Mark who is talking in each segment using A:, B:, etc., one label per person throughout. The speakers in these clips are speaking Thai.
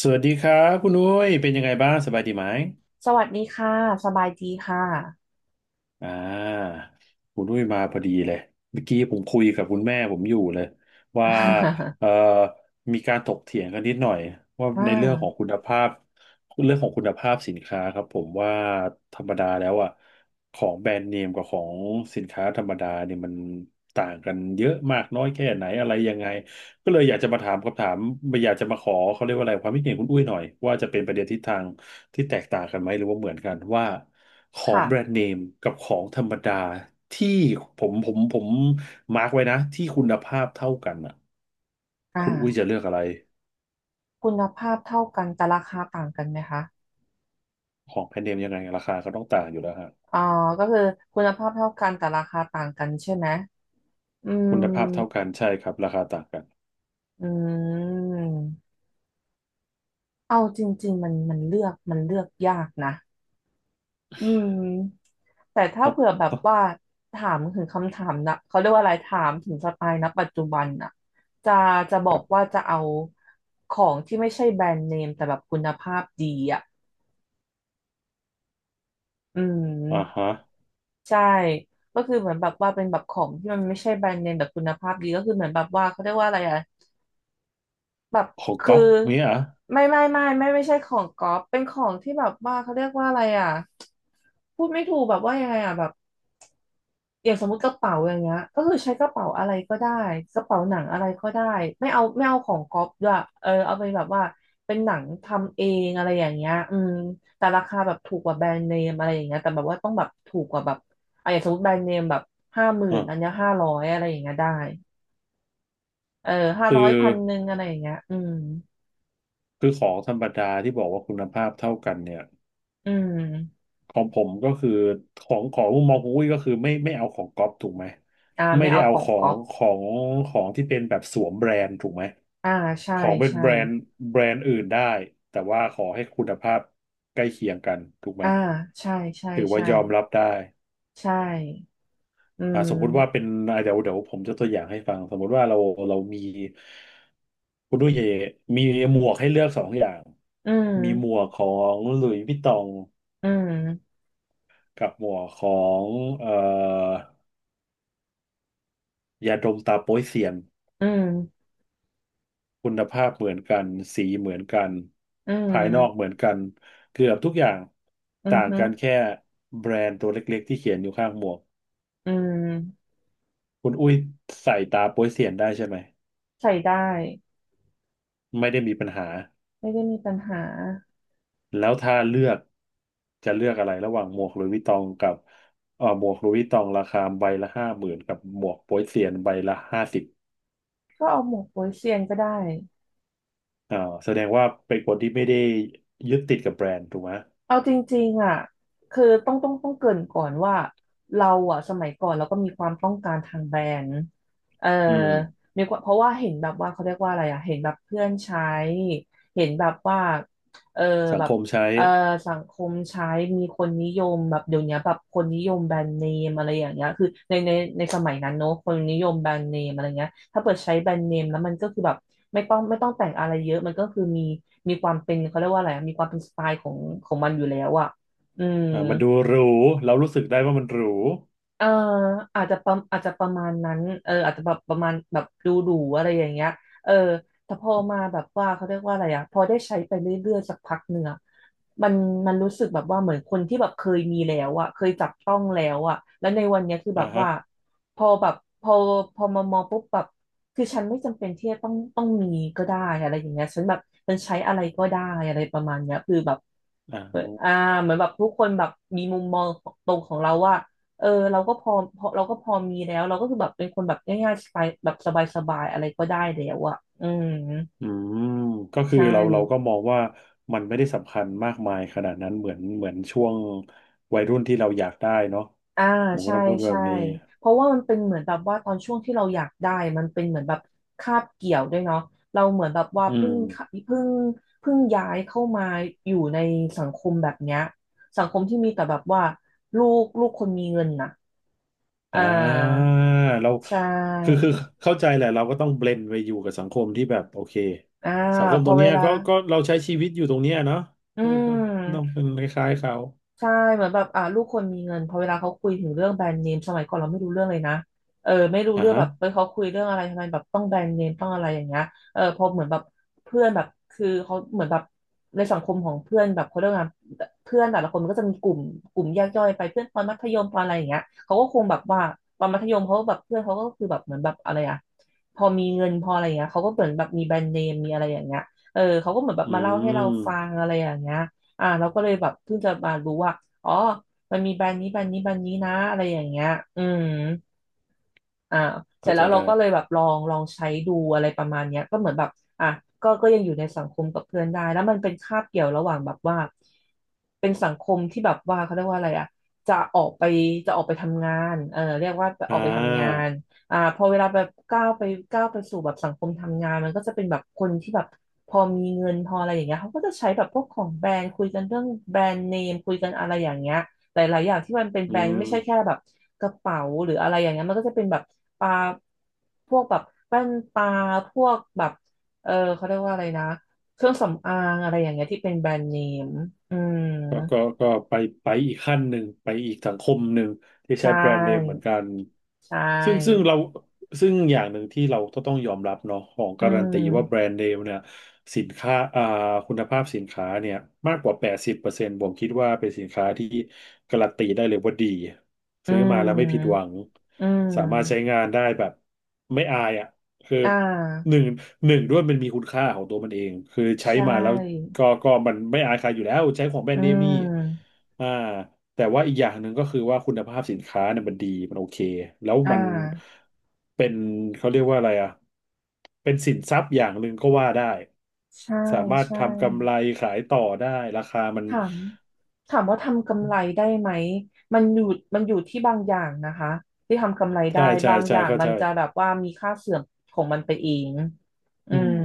A: สวัสดีครับคุณอุ้ยเป็นยังไงบ้างสบายดีไหม
B: สวัสดีค่ะสบายดีค่ะ
A: อ่าคุณอุ้ยมาพอดีเลยเมื่อกี้ผมคุยกับคุณแม่ผมอยู่เลยว่า เอ่อมีการถกเถียงกันนิดหน่อยว่า
B: อ่
A: ในเรื่องของ
B: า
A: คุณภาพเรื่องของคุณภาพสินค้าครับผมว่าธรรมดาแล้วอ่ะของแบรนด์เนมกับของสินค้าธรรมดาเนี่ยมันต่างกันเยอะมากน้อยแค่ไหนอะไรยังไง ก็เลยอยากจะมาถามคำถามอยากจะมาขอเขาเรียกว่าอะไรความคิดเห็นคุณอุ้ยหน่อยว่าจะเป็นประเด็นทิศทางที่แตกต่างกันไหมหรือว่าเหมือนกันว่าของแบรน
B: ค่ะ
A: ด์เนมกับของธรรมดาที่ผมมาร์กไว้นะที่คุณภาพเท่ากันอ่ะ
B: อ่
A: คุณอุ้ยจะ
B: า
A: เลือกอะไร
B: คุณภาพเท่ากันแต่ราคาต่างกันไหมคะ
A: ของแบรนด์เนมยังไงราคาก็ต้องต่างอยู่แล้วฮะ
B: อ่าก็คือคุณภาพเท่ากันแต่ราคาต่างกันใช่ไหมอืม
A: คุณภาพเท่ากันใช่ครับราคาต่างกัน
B: อืม เอาจริงๆมันเลือกยากนะ อืม แต่ถ้า
A: ออบ
B: เผื่อแบบ
A: อ๊อบ
B: ว่าถามถึงคำถามนะเขาเรียกว่าอะไรถามถึงสไตล์ณปัจจุบันน่ะจะจะบอ
A: ครั
B: กว่า
A: บ
B: จะเอาของที่ไม่ใช่แบรนด์เนมแต่แบบคุณภาพดีอ่ะ อื
A: อ่า
B: ม
A: ฮะ
B: ใช่ก็คือเหมือนแบบว่าเป็นแบบของที่มันไม่ใช่แบรนด์เนมแบบคุณภาพดีก็คือเหมือนแบบว่าเขาเรียกว่าอะไรอะแบบ
A: ของ
B: คื
A: ก๊
B: อ
A: อปเนี้ยเหรอ
B: ไม่ใช่ของก๊อปเป็นของที่แบบว่าเขาเรียกว่าอะไรอะพูดไม่ถูกแบบว่ายังไงอะแบบ อย่างสมมติกระเป๋าอย่างเงี้ยก็คือใช้กระเป๋าอะไรก็ได้กระเป๋าหนังอะไรก็ได้ไม่เอาของก๊อปด้วยเออเอาไปแบบว่าเป็นหนังทำเองอะไรอย่างเงี้ยอืมแต่ราคาแบบถูกกว่าแบรนด์เนมอะไรอย่างเงี้ยแต่แบบว่าต้องแบบถูกกว่าแบบอ่ะอย่างสมมติแบรนด์เนมแบบ50,000อัน
A: อ่ะ
B: เนี้ยห้าร้อยอะไรอย่างเงี้ยได้เออห้า
A: คื
B: ร้อย
A: อ
B: 1,100อะไรอย่างเงี้ยอืม
A: คือของธรรมดาที่บอกว่าคุณภาพเท่ากันเนี่ย
B: อืม
A: ของผมก็คือของมุมมองของอุ้ยก็คือไม่ไม่เอาของก๊อปถูกไหมไม่
B: ไม่
A: ได้
B: เอาข
A: เอา
B: อ
A: ข
B: ง
A: อ
B: ก๊
A: ง
B: อป
A: ของของที่เป็นแบบสวมแบรนด์ถูกไหม
B: อ่าใช่
A: ของเป็น
B: ใช่
A: แบรนด์แบรนด์อื่นได้แต่ว่าขอให้คุณภาพใกล้เคียงกันถูกไหม
B: อ่าใช่ใช่
A: ถือว่า
B: ใช่
A: ยอมรับได้
B: ใช่อื
A: อ่าสมมุติว่าเป็
B: ม
A: นอ่าเดี๋ยวผมจะตัวอย่างให้ฟังสมมุติว่าเราเรามีคุณด้วยเยมีหมวกให้เลือกสองอย่าง
B: อืม
A: มีหมวกของหลุยส์วิตตอง
B: อืม
A: กับหมวกของเอ่อ ยาดมตาโป๊ยเซียน
B: อืม
A: คุณภาพเหมือนกันสีเหมือนกัน
B: อื
A: ภายนอกเห
B: ม
A: มือนกันเกือบทุกอย่าง
B: อือ
A: ต่าง
B: ฮึ
A: กันแค่แบรนด์ตัวเล็กๆที่เขียนอยู่ข้างหมวก
B: อืม
A: คุณอุ้ยใส่ตาโป๊ยเซียนได้ใช่ไหม
B: ใส่ได้
A: ไม่ได้มีปัญหา
B: ไม่ได้มีปัญหา
A: แล้วถ้าเลือกจะเลือกอะไรระหว่างหมวกหลุยส์วิตตองกับหมวกหลุยส์วิตตองราคาใบละ50,000กับหมวกโป๊ยเซียนใบละ50
B: ก็เอาหมวกโป๊ยเซียนก็ได้
A: อ่าแสดงว่าเป็นคนที่ไม่ได้ยึดติดกับแบรนด์ถูกไหม
B: เอาจริงๆอ่ะคือต้องเกริ่นก่อนว่าเราอ่ะสมัยก่อนเราก็มีความต้องการทางแบรนด์เออ
A: อืม
B: มีความเพราะว่าเห็นแบบว่าเขาเรียกว่าอะไรอ่ะเห็นแบบเพื่อนใช้เห็นแบบว่าเออ
A: สั
B: แบ
A: งค
B: บ
A: มใช้
B: เอ่อสังคมใช้มีคนนิยมแบบเดี๋ยวนี้แบบคนนิยมแบรนด์เนมอะไรอย่างเงี้ยคือในสมัยนั้นเนอะคนนิยมแบรนด์เนมอะไรเงี้ยถ้าเปิดใช้แบรนด์เนมแล้วมันก็คือแบบไม่ต้องแต่งอะไรเยอะมันก็คือมีมีความเป็นเขาเรียกว่าอะไรอะมีความเป็นสไตล์ของของมันอยู่แล้วอ่ะอืม
A: มันดูหรูเรารู้สึกได้ว่ามันหรู
B: เอออาจจะประมาณนั้นเอออาจจะแบบประมาณแบบดูดูอะไรอย่างเงี้ยเออแต่พอมาแบบว่าเขาเรียกว่าอะไรอะพอได้ใช้ไปเรื่อยๆสักพักหนึ่งอะมันมันรู้สึกแบบว่าเหมือนคนที่แบบเคยมีแล้วอะเคยจับต้องแล้วอะแล้วในวันเนี้ยคือแบ
A: อ่า
B: บ
A: ฮะ
B: ว่าพอแบบพอพอมามองปุ๊บแบบคือฉันไม่จำเป็นที่จะต้องต้องมีก็ได้อะไรอย่างเงี้ยฉันแบบฉันใช้อะไรก็ได้อะไรประมาณเนี้ยคือแบบ
A: อ่า
B: เหมือน
A: ฮะ
B: เหมือนแบบทุกคนแบบมีมุมมองตรงของเราว่า เออเราก็พอเราก็พอมีแล้วเราก็คือแบบเป็นคนแบบง่ายๆสบายแบบสบายๆอะไรก็ได้แล้วอ่ะอืม
A: อืมก็คือ
B: ใช่
A: เราก็มองว่ามันไม่ได้สำคัญมากมายขนาดนั้นเหมือนช่วงวัยรุ่นที่เราอยากได้เนาะ
B: อ่า
A: ผมก็
B: ใช่
A: ต้องพูดแบ
B: ใช่
A: บนี้
B: เพราะว่ามันเป็นเหมือนแบบว่าตอนช่วงที่เราอยากได้มันเป็นเหมือนแบบคาบเกี่ยวด้วยเนาะเราเหมือนแบบว่า
A: อืม
B: เพิ่งเพิ่งย้ายเข้ามาอยู่ในสังคมแบบเนี้ยสังคมที่มีแต่แบบว่าลูกคนมีเงินน่ะอ่
A: อ่า
B: า
A: เรา
B: ใช่
A: คือเข้าใจแหละเราก็ต้องเบลนไปอยู่กับสังคมที่แบบโอเค
B: อ่า
A: สังคม
B: พ
A: ตร
B: อ
A: ง
B: เว
A: เนี้ย
B: ลา
A: ก็เราใช้ชีวิตอยู่ตรงเนี้ยเนาะ
B: อื
A: ก็ต้อง
B: ม
A: เป็นคล้ายๆเขา
B: ใช่เหมือนแบบลูกคนมีเงินพอเวลาเขาคุยถึงเรื่องแบรนด์เนมสมัยก่อนเราไม่รู้เรื่องเลยนะเออไม่รู้
A: อ่า
B: เรื่อง
A: ฮะ
B: แบบเออเขาคุยเรื่องอะไรทำไมแบบต้องแบรนด์เนมต้องอะไรอย่างเงี้ยเออพอเหมือนแบบเพื่อนแบบคือเขาเหมือนแบบในสังคมของเพื่อนแบบเขาเรียกว่าไงเพื่อนแต่ละคนมันก็จะมีกลุ่มแยกย่อยไปเพื่อนตอนมัธยมตอนอะไรอย่างเงี้ยเขาก็คงแบบว่าตอนมัธยมเขาก็แบบเพื่อนเขาก็คือแบบเหมือนแบบอะไรอะพอมีเงินพออะไรอย่างเงี้ยเขาก็เหมือนแบบมีแบรนด์เนมมีอะไรอย่างเงี้ยเออเขาก็เหมือนแบบ
A: อื
B: มาเล่าให้เรา
A: ม
B: ฟังอะไรอย่างเงี้ย เราก็เลยแบบเพิ่งจะมารู้ว่าอ๋อมันมีแบรนด์นี้แบรนด์นี้แบรนด์นี้นะอะไรอย่างเงี้ยอืม อ่าเสร็
A: เข้า
B: จ
A: ใจ
B: แล้วเรา
A: ได้
B: ก็เลยแบบลองใช้ดูอะไรประมาณเนี้ยก็เหมือนแบบอ่ะก็ยังอยู่ในสังคมกับเพื่อนได้แล้วมันเป็นคาบเกี่ยวระหว่างแบบว่าเป็นสังคมที่แบบว่าเขาเรียกว่าอะไรอ่ะจะออกไปจะออกไปทำงานเออเรียกว่าอ
A: อ่
B: อกไปทำงา
A: า
B: นอ่าพอเวลาแบบก้าวไปสู่แบบสังคมทำงานมันก็จะเป็นแบบคนที่แบบพอมีเงินพออะไรอย่างเงี้ยเขาก็จะใช้แบบพวกของแบรนด์คุยกันเรื่องแบรนด์เนมคุยกันอะไรอย่างเงี้ย หลายๆอย่างที่มันเป็น
A: อื
B: แบรนด์ไม่ใช่แค่
A: ม
B: แบบกระเป๋าหรืออะไรอย่างเงี้ยมันก็จะเป็นแบบปลาพวกแบบแว่นตาพวกแบบเออเขาเรียกว่าอะไรนะเครื่องสำอางอะไรอย่างเงี้ยที่เป็นแบรนด์เนมอืม
A: ก็ไปอีกขั้นหนึ่งไปอีกสังคมหนึ่งที่
B: ใช
A: ใช้แบรนด์เนมเหมือน
B: ่
A: กัน
B: ใช
A: ซึ่งซึ่ง
B: ่
A: เราซึ่งอย่างหนึ่งที่เราก็ต้องยอมรับเนาะของ
B: อื
A: การันตีว่าแบร
B: ม
A: นด์เนมเนี่ยสินค้าคุณภาพสินค้าเนี่ยมากกว่า80%ผมคิดว่าเป็นสินค้าที่การันตีได้เลยว่าดี
B: อื
A: ซื้อมาแล้วไม่ผิดหวั
B: ม
A: ง
B: อื
A: สามารถใช้
B: ม
A: งานได้แบบไม่อายอ่ะคือ
B: อ่
A: ห
B: า
A: นึ่งหนึ่งด้วยมันมีคุณค่าของตัวมันเองคือใช้
B: ใช
A: มาแล้ว
B: ่
A: ก็มันไม่อายใครอยู่แล้วใช้ของแบร
B: อื
A: นด์เนมนี่
B: ม
A: อ่าแต่ว่าอีกอย่างหนึ่งก็คือว่าคุณภาพสินค้าเนี่ยมันดีมันโอเคแล้ว
B: อ่
A: มัน
B: า
A: เป็นเขาเรียกว่าอะไรอ่ะเป็นสินทรัพย์อย่างหนึ่งก็ว่าได้
B: ใช่
A: สามารถ
B: ใช่
A: ทำกำไรขายต่อได้ราคามัน
B: ถาม ถามว่าทำกำไรได้ไหมมันอยู่มันอยู่ที่บางอย่างนะคะที่ทำกำไร
A: ใช่
B: ได้
A: ใช่
B: บาง
A: ใช่
B: อย่าง
A: เข้า
B: มั
A: ใจ
B: นจะแบบว่ามีค่าเสื่อมของมันไปเองอื
A: อืม
B: ม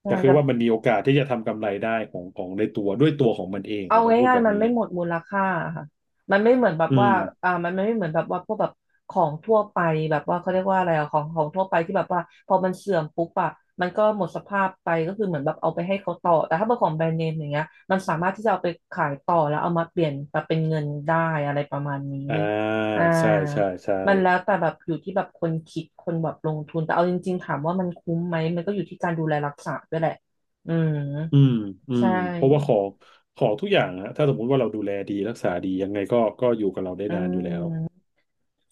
B: ใช่
A: แต่คื
B: แต่
A: อว่ามันมีโอกาสที่จะทำกำไรได้ของของในตัวด้วยตัวของมันเองผ
B: เอา
A: มต้องพูด
B: ง่าย
A: แบ
B: ๆ
A: บ
B: มัน
A: นี้
B: ไม่หมดมูลค่าค่ะมันไม่เหมือนแบบ
A: อื
B: ว่า
A: ม
B: อ่า มันไม่เหมือนแบบว่าพวกแบบของทั่วไปแบบว่าเขาเรียกว่าอะไรอะของของทั่วไปที่แบบว่าพอมันเสื่อมปุ๊บอะมันก็หมดสภาพไปก็คือเหมือนแบบเอาไปให้เขาต่อแต่ถ้าเป็นของแบรนด์เนมอย่างเงี้ยมันสามารถที่จะเอาไปขายต่อแล้วเอามาเปลี่ยนมาเป็นเงินได้อะไรประมาณนี้
A: อ่า
B: อ่า
A: ใช่ใช่ใช่
B: มันแล้วแต่แบบอยู่ที่แบบคนคิดคนแบบลงทุน แต่เอาจริงๆถามว่ามันคุ้มไหมมันก็อยู่ที่การดูแลรักษาด้วยแหละอืม
A: อืมอื
B: ใช่
A: มเพราะว่าของทุกอย่างฮะถ้าสมมุติว่าเราดูแลดีรักษาดียังไงก็อยู่กับเราได้
B: อื
A: นานอยู่
B: ม
A: แล้ว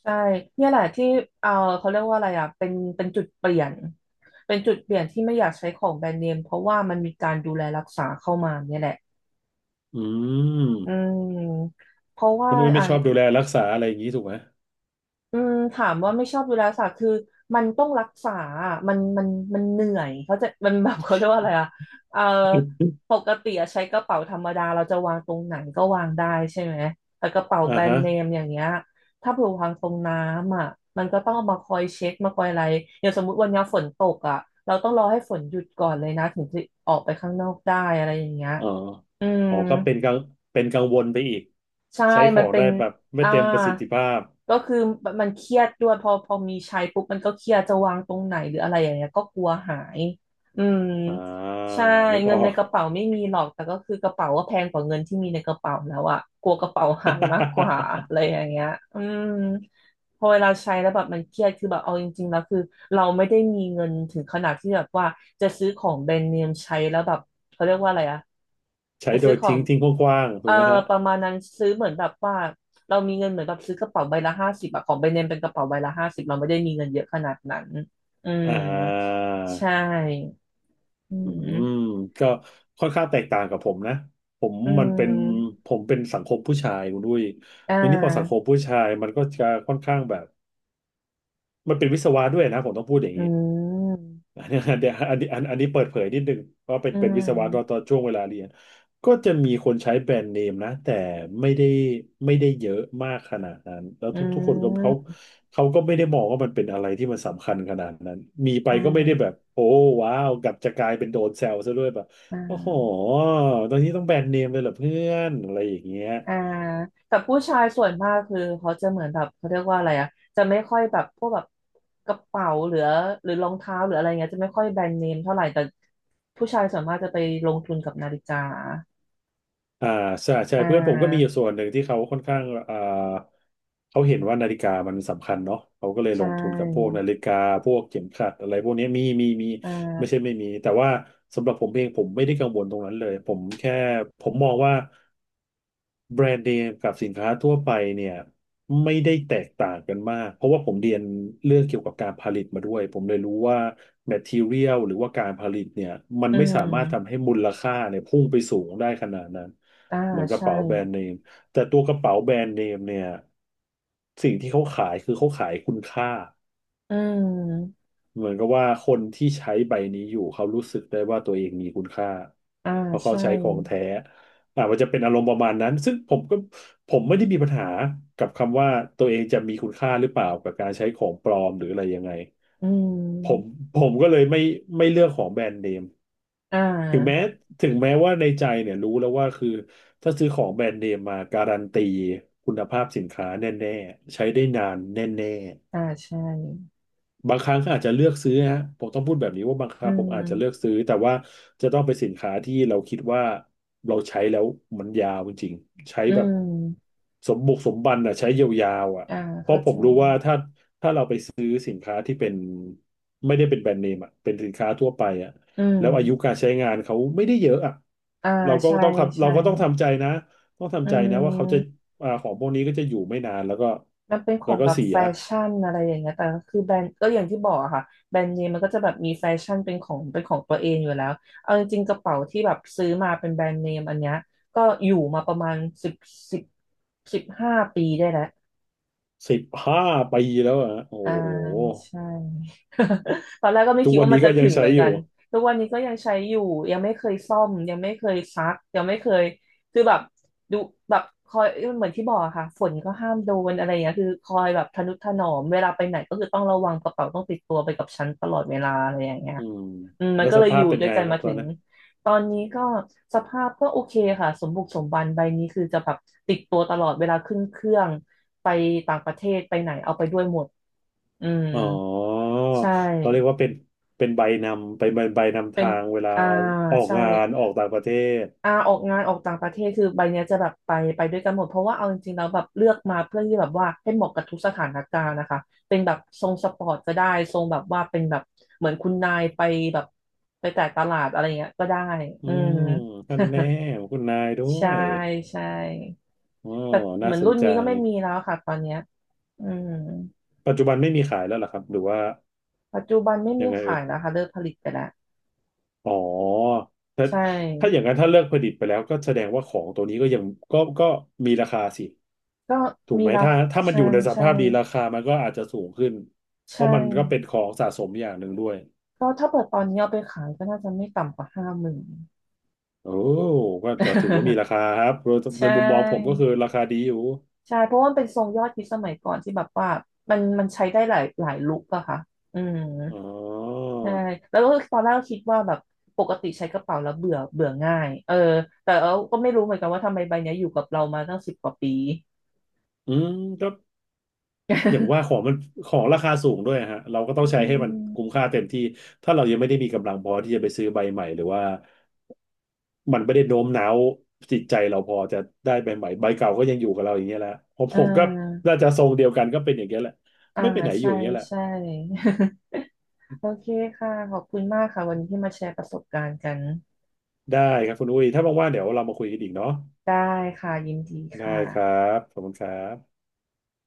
B: ใช่เนี่ยแหละที่เออเขาเรียกว่าอะไรอ่ะเป็นจุดเปลี่ยนเป็นจุดเปลี่ยนที่ไม่อยากใช้ของแบรนด์เนมเพราะว่ามันมีการดูแลรักษาเข้ามาเนี่ยแหละ
A: อืม
B: อืมเพราะ
A: คุ
B: ว่า
A: ณอุ้ยไม่
B: อ่ะ
A: ชอบดูแลรักษาอะไรอย่างนี้ถูกไหม
B: อืมถามว่าไม่ชอบดูแลสัตว์คือมันต้องรักษาอะมันเหนื่อยเขาใจะมัน แบบเขาเรียกว่าอะไรอ่ะเออป กติอะใช้กระเป๋าธรรมดาเราจะวางตรงไหนก็วางได้ใช่ไหมแต่กระเป๋า
A: อ่า
B: แบรน
A: ฮะ
B: ด์เนมอย่างเงี้ยถ้าเผื่อวางตรงน้ำอ่ะมันก็ต้องเอามาคอยเช็ดมาคอยอะไรอย่างสมมุติวันนี้ฝนตกอ่ะเราต้องรอให้ฝนหยุดก่อนเลยนะถึงจะออกไปข้างนอกได้อะไรอย่างเงี้ย
A: อ๋อ
B: อืม
A: อ๋อก็เป็นกังเป็นกังวลไปอีก
B: ใช่
A: ใช้ข
B: มั
A: อ
B: น
A: ง
B: เป็
A: ได้
B: น
A: แบบไม่
B: อ่า
A: เต็มประสิทธิภาพ
B: ก็คือมันเครียดด้วยพอมีใช้ปุ๊บมันก็เครียดจะวางตรงไหนหรืออะไรอย่างเงี้ยก็กลัวหายอืม
A: อ่า
B: ใช่
A: นึกอ
B: เงิน
A: อ
B: ใน
A: ก
B: กระเป๋าไม่มีหรอกแต่ก็คือกระเป๋าก็แพงกว่าเงินที่มีในกระเป๋าแล้วอะกลัวกระเป๋าหายมากกว่าอะ ไรอย่างเงี้ยอืมพอเวลาใช้แล้วแบบมันเครียดคือแบบเอาจริงๆแล้วคือเราไม่ได้มีเงินถึงขนาดที่แบบว่าจะซื้อของแบรนด์เนมใช้แล้วแบบเขาเรียกว่าอะไรอะ
A: ใช้
B: จะ
A: โด
B: ซื้อ
A: ย
B: ขอ
A: ทิ้
B: ง
A: งทิ้งกว้างๆถู
B: เอ่อ
A: กไหมฮะ
B: ประมาณนั้นซื้อเหมือนแบบว่าเรามีเงินเหมือนแบบซื้อกระเป๋าใบละห้าสิบอะของแบรนด์เนมเป็นกระเป๋าใบละห้าสิบเราไม่ได้มีเงินเยอะขนาดนั้น อื
A: อ่
B: ม ใช่
A: า
B: อื
A: อืม
B: ม
A: ก็ค่อนข้างแตกต่างกับผมนะผม
B: อื
A: มันเป็น
B: ม
A: ผมเป็นสังคมผู้ชายคุณด้วย
B: อ่
A: ทีนี้พอสังคม
B: า
A: ผู้ชายมันก็จะค่อนข้างแบบมันเป็นวิศวะด้วยนะผมต้องพูดอย่าง
B: อื
A: นี้
B: ม
A: อันนี้ อันเนี้อันนี้อันอันนี้เปิดเผยนิดนึงว่าเป็น
B: อื
A: เป็นวิศวะตอนต
B: ม
A: อนช่วงเวลาเรียนก็จะมีคนใช้แบรนด์เนมนะแต่ไม่ได้ไม่ได้เยอะมากขนาดนั้นแล้ว
B: อื
A: ทุกคนก็เขา
B: ม
A: เขาก็ไม่ได้มองว่ามันเป็นอะไรที่มันสำคัญขนาดนั้นมีไป
B: อ่
A: ก็ไม่ได้แบ
B: า
A: บโอ้ว้าวกลับจะกลายเป็นโดนแซวซะด้วยแบบ
B: อ่
A: โอ้โห
B: า
A: ตอนนี้ต้องแบรนด์เนมเลยเหรอเพื่อนอะไรอย่างเงี้ย
B: อ่าแต่ผู้ชายส่วนมากคือเขาจะเหมือนแบบเขาเรียกว่าอะไรอ่ะจะไม่ค่อยแบบพวกแบบกระเป๋าหรือหรือรองเท้าหรืออะไรเงี้ยจะไม่ค่อยแบรนด์เนมเท่าไหร่แต่ผู้ชายส่วนมากจะไปลงทุนกับนาฬิกา
A: อ่าใช่ใช่
B: อ่
A: เพื่อนผมก็มีอ
B: า
A: ยู่ส่วนหนึ่งที่เขาค่อนข้างอ่าเขาเห็นว่านาฬิกามันสำคัญเนาะเขาก็เลย
B: ใช
A: ลงทุนกับพวก
B: ่
A: นาฬิกาพวกเข็มขัดอะไรพวกนี้มี
B: อ่
A: ไม่ใช่
B: า
A: ไม่มีแต่ว่าสำหรับผมเองผมไม่ได้กังวลตรงนั้นเลยผมแค่ผมมองว่า แบรนด์เนมกับสินค้าทั่วไปเนี่ยไม่ได้แตกต่างกันมากเพราะว่าผมเรียนเรื่องเกี่ยวกับการผลิตมาด้วยผมเลยรู้ว่า material หรือว่าการผลิตเนี่ยมัน
B: อื
A: ไม่สา
B: ม
A: มารถทำให้มูลค่าเนี่ยพุ่งไปสูงได้ขนาดนั้น
B: อ่า
A: เหมือนกระ
B: ใช่
A: เป๋าแบรนด์เนมแต่ตัวกระเป๋าแบรนด์เนมเนี่ยสิ่งที่เขาขายคือเขาขายคุณค่า
B: อืม
A: เหมือนกับว่าคนที่ใช้ใบนี้อยู่เขารู้สึกได้ว่าตัวเองมีคุณค่า
B: อ่า
A: เพราะเขา
B: ใช่
A: ใช้ของแท้มันจะเป็นอารมณ์ประมาณนั้นซึ่งผมก็ผมไม่ได้มีปัญหากับคำว่าตัวเองจะมีคุณค่าหรือเปล่ากับการใช้ของปลอมหรืออะไรยังไง
B: อื
A: ผม
B: ม
A: ผมก็เลยไม่เลือกของแบรนด์เนม
B: อ่
A: ถึงแม้
B: า
A: ถึงแม้ว่าในใจเนี่ยรู้แล้วว่าคือถ้าซื้อของแบรนด์เนมมาการันตีคุณภาพสินค้าแน่ๆใช้ได้นานแน่
B: อ่าใช่
A: บางครั้งก็อาจจะเลือกซื้อนะฮะผมต้องพูดแบบนี้ว่าบางค
B: อื
A: รั้งผมอาจจะเลือก
B: ม
A: ซื้อแต่ว่าจะต้องเป็นสินค้าที่เราคิดว่าเราใช้แล้วมันยาวจริงๆใช้
B: อื
A: แบบ
B: ม
A: สมบุกสมบันอ่ะใช้ยาวๆอ่ะ
B: อ่า
A: เพราะ
B: เข้า
A: ผ
B: ใจ
A: มรู้ว่าถ้าสินค้าที่เป็นไม่ได้เป็นแบรนด์เนมอ่ะเป็นสินค้าทั่วไปอ่ะ
B: อื
A: แล้วอายุ
B: ม
A: การใช้งานเขาไม่ได้เยอะอ่ะ
B: อ่า
A: เราก็
B: ใช่
A: ต้องขับเรา
B: ใช่
A: ก็ต้องทำใจนะต้อง
B: อื
A: ทำใจนะว่าเขาจะ
B: ม
A: ของพวกนี้ก็จะอยู่ไม่นานแล้วก็
B: มันเป็นขอ
A: แล้ว
B: ง
A: ก็
B: แบบ
A: เสี
B: แฟ
A: ย
B: ชั่นอะไรอย่างเงี้ยแต่ก็คือแบรนด์ก็อย่างที่บอกอะค่ะแบรนด์เนมมันก็จะแบบมีแฟชั่นเป็นของเป็นของตัวเองอยู่แล้วเอาจริงๆกระเป๋าที่แบบซื้อมาเป็นแบรนด์เนมอันเนี้ยก็อยู่มาประมาณสิบสิบ15 ปีได้แล้ว
A: 15 ปีแล้วอ่ะโอ้
B: อ่า
A: โห
B: ใช่ ตอนแรกก็ไม่
A: ทุ
B: คิ
A: ก
B: ด
A: วัน
B: ว่ามั
A: นี้
B: น
A: ก็
B: จะ
A: ยั
B: ถึ
A: ง
B: งเห
A: ใช้
B: มือน
A: อ
B: กั
A: ยู่
B: นทุกวันนี้ก็ยังใช้อยู่ยังไม่เคยซ่อมยังไม่เคยซักยังไม่เคยคือแบบดูแบบคอยเหมือนที่บอกอะค่ะฝนก็ห้ามโดนอะไรอย่างเงี้ยคือคอยแบบทะนุถนอมเวลาไปไหนก็คือต้องระวังกระเป๋าต้องติดตัวไปกับฉันตลอดเวลาอะไรอย่างเงี้ย
A: อืม
B: อืมมัน
A: แล้ว
B: ก็
A: ส
B: เลยอ
A: ภาพ
B: ยู่
A: เป็น
B: ด้วย
A: ไง
B: กัน
A: ครั
B: มา
A: บตอ
B: ถึ
A: น
B: ง
A: นั้น
B: ตอนนี้ก็สภาพก็โอเคค่ะสมบุกสมบันใบนี้คือจะแบบติดตัวตลอดเวลาขึ้นเครื่องไปต่างประเทศไปไหนเอาไปด้วยหมด อื
A: อ๋อ
B: มใช่
A: เราเรียกว่าเป็นเป็นใบนำเป็นใบนำ
B: เป็น
A: ทางเวลา
B: อ่า
A: ออก
B: ใช่
A: งานออกต่างประเทศ
B: อ่าออกงานออกต่างประเทศคือใบเนี้ยจะแบบไปด้วยกันหมดเพราะว่าเอาจริงๆแล้วแบบเลือกมาเพื่อที่แบบว่าให้เหมาะกับทุกสถานการณ์นะคะเป็นแบบทรงสปอร์ตก็ได้ทรงแบบว่าเป็นแบบเหมือนคุณนายไปแบบไปแต่ตลาดอะไรเงี้ยก็ได้
A: อื
B: อืม
A: มท่านแน่คุณนายด้ ว
B: ใช่
A: ย
B: ใช่
A: อ๋อ
B: แต่เห
A: น่า
B: มือน
A: ส
B: รุ่
A: น
B: น
A: ใจ
B: นี้ก็ไม่มีแล้วค่ะตอนเนี้ยอืม
A: ปัจจุบันไม่มีขายแล้วเหรอครับหรือว่า
B: ปัจจุบันไม่
A: ยั
B: มี
A: งไงเอ่
B: ขา
A: ย
B: ยแล้วค่ะเลิกผลิตไปแล้ว
A: อ๋อถ้า
B: ใช่
A: ถ้าอย่างนั้นถ้าเลิกผลิตไปแล้วก็แสดงว่าของตัวนี้ก็ยังก็มีราคาสิ
B: ก็
A: ถูก
B: มี
A: ไหม
B: รา
A: ถ้า
B: คา
A: ถ้ามัน
B: ใช่
A: อยู่ในส
B: ใช่
A: ภาพดีราคามันก็อาจจะสูงขึ้นเพ
B: ใช่
A: ราะมันก็เป็นของสะสมอย่างหนึ่งด้วย
B: ก็ถ้าเปิดตอนนี้เอาไปขายก็น่าจะไม่ต่ำกว่า50,000
A: โอ้ก็จะถือว่ามีรา คาครับโดย
B: ใช
A: ในมุมมองผมก็
B: ่
A: คือราคาดีอยู่
B: ใช่เพราะว่ามันเป็นทรงยอดฮิตสมัยก่อนที่แบบว่ามันมันใช้ได้หลายหลายลุคอะค่ะอืม
A: อ๋อ
B: ใช่แล้วก็ตอนแรกก็คิดว่าแบบปกติใช้กระเป๋าแล้วเบื่อเบื่อง่ายเออแต่เราก็ไม่รู้เหมือนกันว่าทำไมใบเนี้ยอยู่กับเรามาตั้ง10 กว่าปี
A: อืมก็อย่างว่าของ มันของราคาสูงด้วยฮะเราก็ต้อ
B: อื
A: งใช้ให้มันคุ้ม
B: ม
A: ค่าเต็มที่ถ้าเรายังไม่ได้มีกำลังพอที่จะไปซื้อใบใหม่หรือว่ามันไม่ได้โน้มน้าวจิตใจเราพอจะได้ใบใหม่ใบเก่าก็ยังอยู่กับเราอย่างเงี้ยแหละผม
B: อ่
A: ผมก็
B: า
A: น่าจะทรงเดียวกันก็เป็นอย่างเงี้ยแหละ
B: อ่า
A: ไม่ไปไหนอยู่
B: ใช่
A: อย่างเงี้ยแหละ
B: ใช่ โอเคค่ะขอบคุณมากค่ะวันนี้ที่มาแชร์ประสบการณ์กัน
A: ได้ครับคุณอุ้ยถ้าว่างๆเดี๋ยวเรามาคุยกันอีกเนาะ
B: ได้ค่ะยินดีค
A: ได้ครั
B: ่ะ
A: บขอบคุณครับ